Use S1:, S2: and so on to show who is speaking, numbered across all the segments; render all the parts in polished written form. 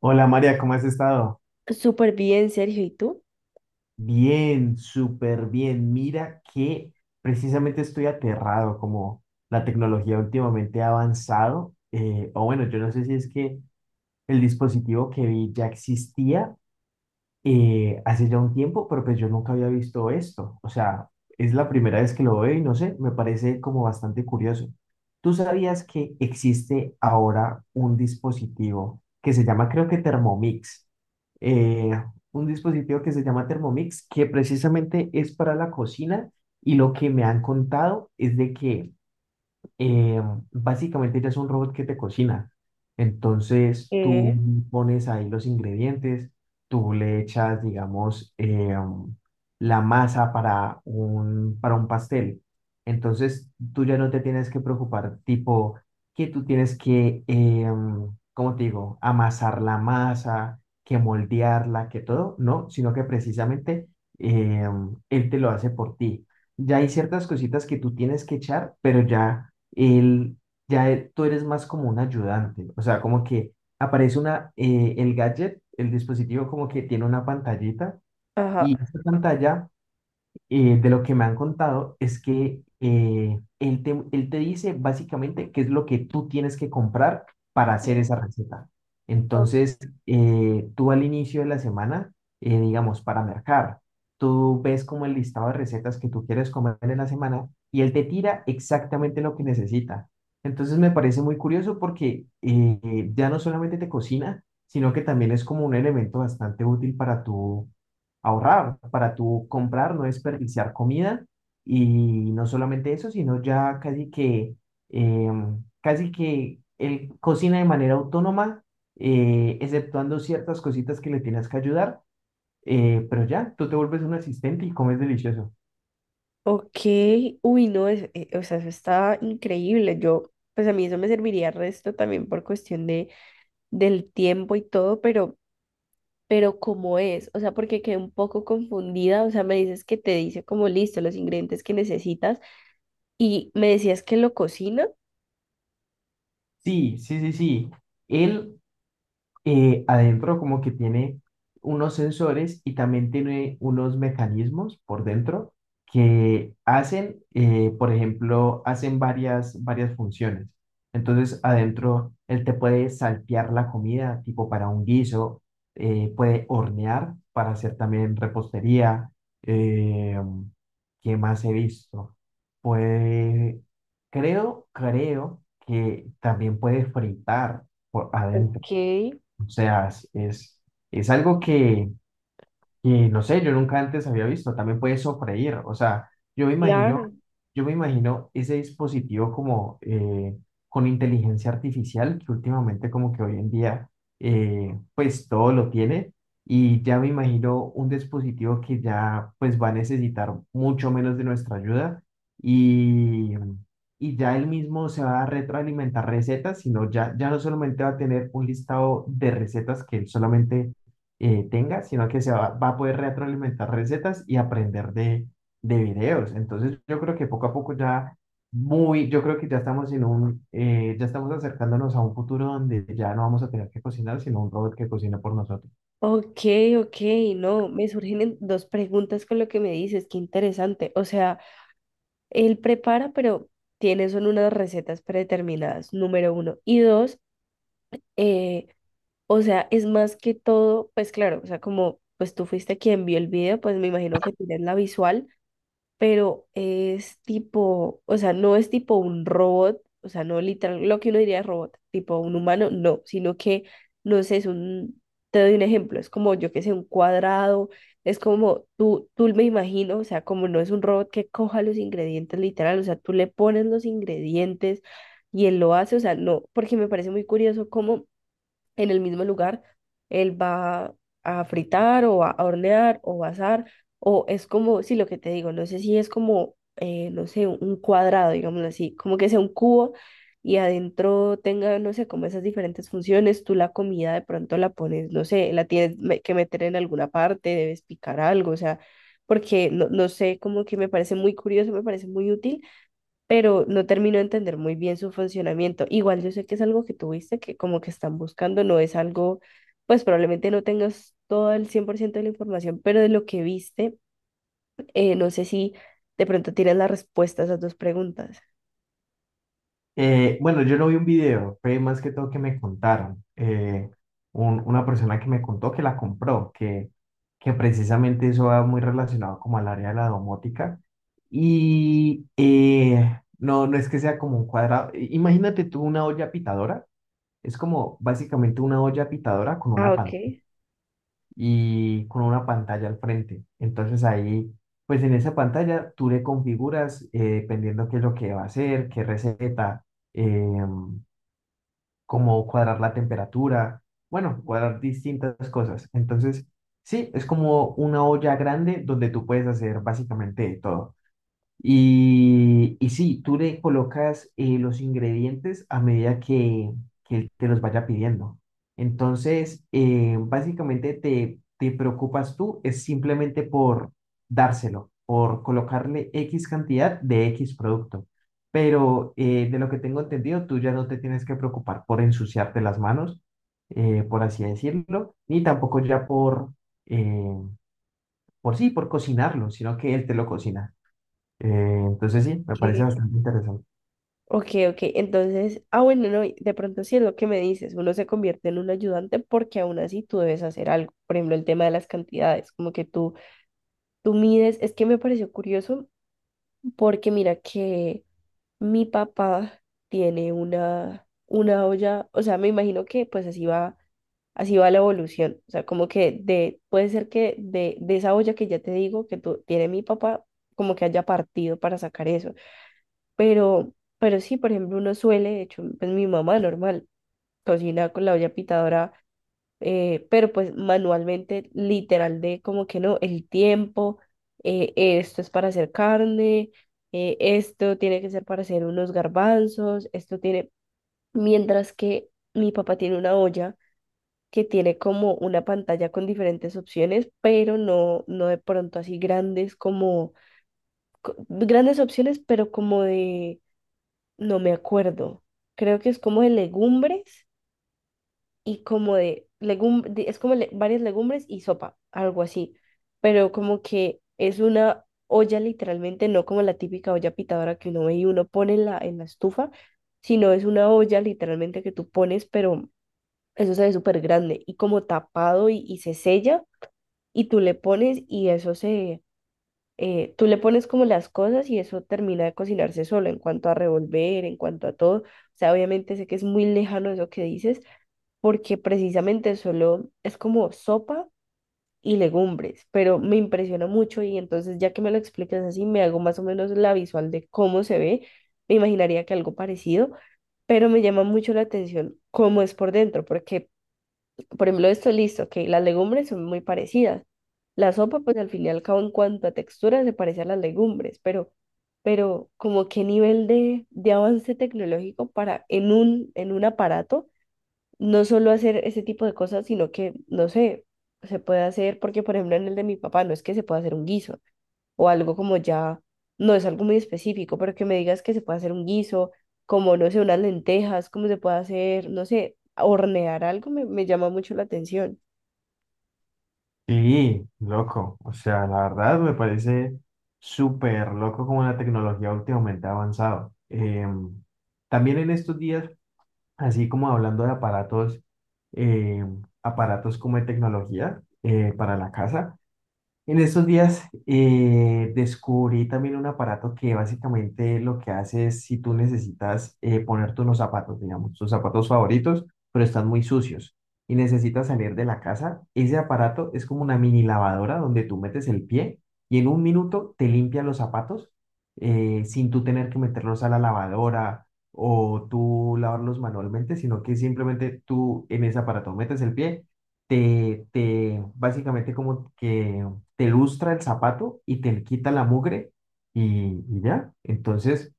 S1: Hola María, ¿cómo has estado?
S2: Súper bien, Sergio. ¿Y tú?
S1: Bien, súper bien. Mira que precisamente estoy aterrado como la tecnología últimamente ha avanzado. O bueno, yo no sé si es que el dispositivo que vi ya existía hace ya un tiempo, pero pues yo nunca había visto esto. O sea, es la primera vez que lo veo y no sé, me parece como bastante curioso. ¿Tú sabías que existe ahora un dispositivo que se llama, creo que Thermomix? eh, un dispositivo que se llama Thermomix, que precisamente es para la cocina y lo que me han contado es de que eh, básicamente ya es un robot que te cocina. Entonces
S2: Eh,
S1: tú pones ahí los ingredientes, tú le echas, digamos, la masa para para un pastel. Entonces tú ya no te tienes que preocupar, tipo, que tú tienes que, ¿cómo te digo?, amasar la masa, que moldearla, que todo, no, sino que precisamente eh, él te lo hace por ti. Ya hay ciertas cositas que tú tienes que echar, pero ya él, tú eres más como un ayudante, o sea, como que aparece una, el gadget, el dispositivo como que tiene una pantallita
S2: ajá.
S1: y esa pantalla de lo que me han contado es que él te dice básicamente qué es lo que tú tienes que comprar para hacer esa receta.
S2: o-
S1: Entonces, tú al inicio de la semana, digamos, para mercar, tú ves como el listado de recetas que tú quieres comer en la semana y él te tira exactamente lo que necesita. Entonces, me parece muy curioso porque ya no solamente te cocina, sino que también es como un elemento bastante útil para tu ahorrar, para tú comprar, no desperdiciar comida. Y no solamente eso, sino ya casi que, casi que él cocina de manera autónoma, exceptuando ciertas cositas que le tienes que ayudar. Pero ya, tú te vuelves un asistente y comes delicioso.
S2: ok. Uy, no, o sea, eso está increíble. Yo, pues a mí eso me serviría resto también por cuestión del tiempo y todo, pero ¿cómo es? O sea, porque quedé un poco confundida. O sea, me dices que te dice como listo los ingredientes que necesitas y me decías que lo cocina.
S1: Sí, sí, sí, sí. Él adentro como que tiene unos sensores y también tiene unos mecanismos por dentro que hacen, por ejemplo, hacen varias funciones. Entonces, adentro él te puede saltear la comida, tipo para un guiso, puede hornear para hacer también repostería. eh, ¿Qué más he visto? Puede, creo que también puede fritar por adentro.
S2: Ok,
S1: O sea, es algo que, y no sé, yo nunca antes había visto, también puede sofreír, o sea, yo me imagino,
S2: claro.
S1: yo me imagino ese dispositivo como con inteligencia artificial, que últimamente como que hoy en día pues todo lo tiene, y ya me imagino un dispositivo que ya pues va a necesitar mucho menos de nuestra ayuda y, y ya él mismo se va a retroalimentar recetas, sino ya, ya no solamente va a tener un listado de recetas que él solamente tenga, sino que se va, va a poder retroalimentar recetas y aprender de videos. Entonces, yo creo que poco a poco ya muy, yo creo que ya estamos en un, ya estamos acercándonos a un futuro donde ya no vamos a tener que cocinar, sino un robot que cocina por nosotros.
S2: Ok, ok, no, me surgen dos preguntas con lo que me dices, qué interesante. O sea, él prepara, pero tiene son unas recetas predeterminadas, número uno. Y dos, eh, o sea, es más que todo, pues claro, o sea, como pues tú fuiste quien vio el video, pues me imagino que tienes la visual, pero es tipo, o sea, no es tipo un robot, o sea, no literal, lo que uno diría es robot, tipo un humano, no, sino que, no sé, es un, te doy un ejemplo, es como, yo que sé, un cuadrado, es como tú me imagino, o sea, como no es un robot que coja los ingredientes literal, o sea, tú le pones los ingredientes y él lo hace, o sea, no, porque me parece muy curioso cómo en el mismo lugar, él va a fritar o va a hornear o va a asar, o es como, sí, lo que te digo, no sé si es como, no sé, un cuadrado, digámoslo así, como que sea un cubo y adentro tenga, no sé, como esas diferentes funciones, tú la comida de pronto la pones, no sé, la tienes que meter en alguna parte, debes picar algo, o sea, porque no, no sé, como que me parece muy curioso, me parece muy útil, pero no termino de entender muy bien su funcionamiento. Igual yo sé que es algo que tuviste, que como que están buscando, no es algo, pues probablemente no tengas todo el 100% de la información, pero de lo que viste, no sé si de pronto tienes la respuesta a esas dos preguntas.
S1: Bueno, yo no vi un video, fue más que todo que me contaron. Una persona que me contó que la compró, que precisamente eso va muy relacionado como al área de la domótica. Y no, no es que sea como un cuadrado. Imagínate tú una olla pitadora, es como básicamente una olla pitadora con
S2: Ah,
S1: una pantalla
S2: ok.
S1: y con una pantalla al frente. Entonces ahí, pues en esa pantalla tú le configuras dependiendo qué es lo que va a hacer, qué receta. em, Como cuadrar la temperatura, bueno, cuadrar distintas cosas. Entonces, sí, es como una olla grande donde tú puedes hacer básicamente de todo. Y sí, tú le colocas los ingredientes a medida que él te los vaya pidiendo. Entonces, básicamente te, te preocupas tú, es simplemente por dárselo, por colocarle X cantidad de X producto. Pero de lo que tengo entendido, tú ya no te tienes que preocupar por ensuciarte las manos, por así decirlo, ni tampoco ya eh, por sí, por cocinarlo, sino que él te lo cocina. Eh, entonces sí, me parece
S2: Ok,
S1: bastante interesante.
S2: ok, ok. Entonces, ah, bueno, no, y de pronto sí es lo que me dices, uno se convierte en un ayudante porque aún así tú debes hacer algo. Por ejemplo, el tema de las cantidades, como que tú mides, es que me pareció curioso porque mira que mi papá tiene una olla, o sea, me imagino que pues así va la evolución. O sea, como puede ser que de esa olla que ya te digo que tiene mi papá, como que haya partido para sacar eso. Pero, pero sí, por ejemplo, uno suele, de hecho, pues mi mamá normal, cocina con la olla pitadora, pero pues manualmente, literal, de como que no, el tiempo, esto es para hacer carne, esto tiene que ser para hacer unos garbanzos, esto tiene, mientras que mi papá tiene una olla que tiene como una pantalla con diferentes opciones, pero no, no de pronto así grandes como, grandes opciones, pero como de, no me acuerdo, creo que es como de legumbres y como de es como varias legumbres y sopa, algo así. Pero como que es una olla literalmente, no como la típica olla pitadora que uno ve y uno pone en la estufa, sino es una olla literalmente que tú pones, pero eso se ve súper grande y como tapado y se sella y tú le pones y eso tú le pones como las cosas y eso termina de cocinarse solo en cuanto a revolver, en cuanto a todo. O sea, obviamente sé que es muy lejano eso que dices, porque precisamente solo es como sopa y legumbres, pero me impresiona mucho y entonces ya que me lo explicas así, me hago más o menos la visual de cómo se ve. Me imaginaría que algo parecido, pero me llama mucho la atención cómo es por dentro, porque, por ejemplo, esto listo, que las legumbres son muy parecidas. La sopa, pues al fin y al cabo, en cuanto a textura, se parece a las legumbres, pero como qué nivel de avance tecnológico para en un aparato, no solo hacer ese tipo de cosas, sino que, no sé, se puede hacer, porque por ejemplo en el de mi papá no es que se pueda hacer un guiso o algo como ya, no es algo muy específico, pero que me digas que se puede hacer un guiso, como, no sé, unas lentejas, cómo se puede hacer, no sé, hornear algo, me llama mucho la atención.
S1: Sí, loco. O sea, la verdad me parece súper loco como la tecnología últimamente ha avanzado. También en estos días, así como hablando de aparatos, eh, aparatos como de tecnología para la casa. En estos días descubrí también un aparato que básicamente lo que hace es si tú necesitas ponerte unos zapatos, digamos, tus zapatos favoritos, pero están muy sucios y necesitas salir de la casa, ese aparato es como una mini lavadora donde tú metes el pie y en un minuto te limpia los zapatos sin tú tener que meterlos a la lavadora o tú lavarlos manualmente, sino que simplemente tú en ese aparato metes el pie te, te básicamente como que te lustra el zapato y te quita la mugre y ya. Entonces,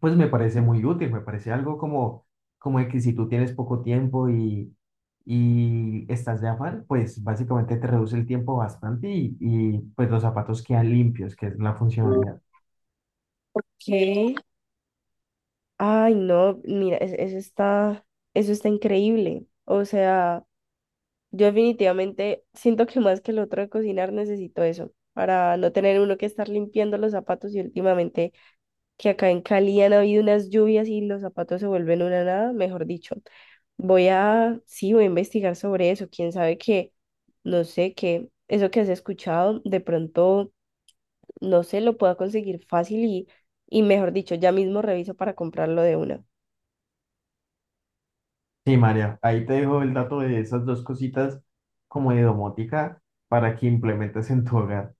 S1: pues me parece muy útil, me parece algo como, como de que si tú tienes poco tiempo y estás de afán, pues básicamente te reduce el tiempo bastante y pues los zapatos quedan limpios, que es la funcionalidad.
S2: ¿Qué? Ay, no, mira, eso está increíble. O sea, yo definitivamente siento que más que el otro de cocinar necesito eso, para no tener uno que estar limpiando los zapatos y últimamente que acá en Cali han habido unas lluvias y los zapatos se vuelven una nada, mejor dicho. Sí, voy a investigar sobre eso. Quién sabe que, no sé, que eso que has escuchado, de pronto, no sé, lo pueda conseguir fácil y mejor dicho, ya mismo reviso para comprarlo de una.
S1: Sí, María, ahí te dejo el dato de esas dos cositas como de domótica para que implementes en tu hogar.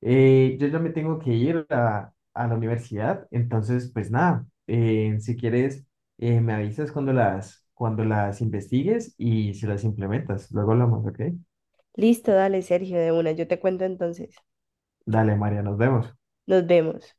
S1: Yo ya me tengo que ir a la universidad, entonces pues nada, si quieres me avisas cuando las investigues y si las implementas. Luego hablamos, ¿ok?
S2: Listo, dale, Sergio, de una. Yo te cuento entonces.
S1: Dale, María, nos vemos.
S2: Nos vemos.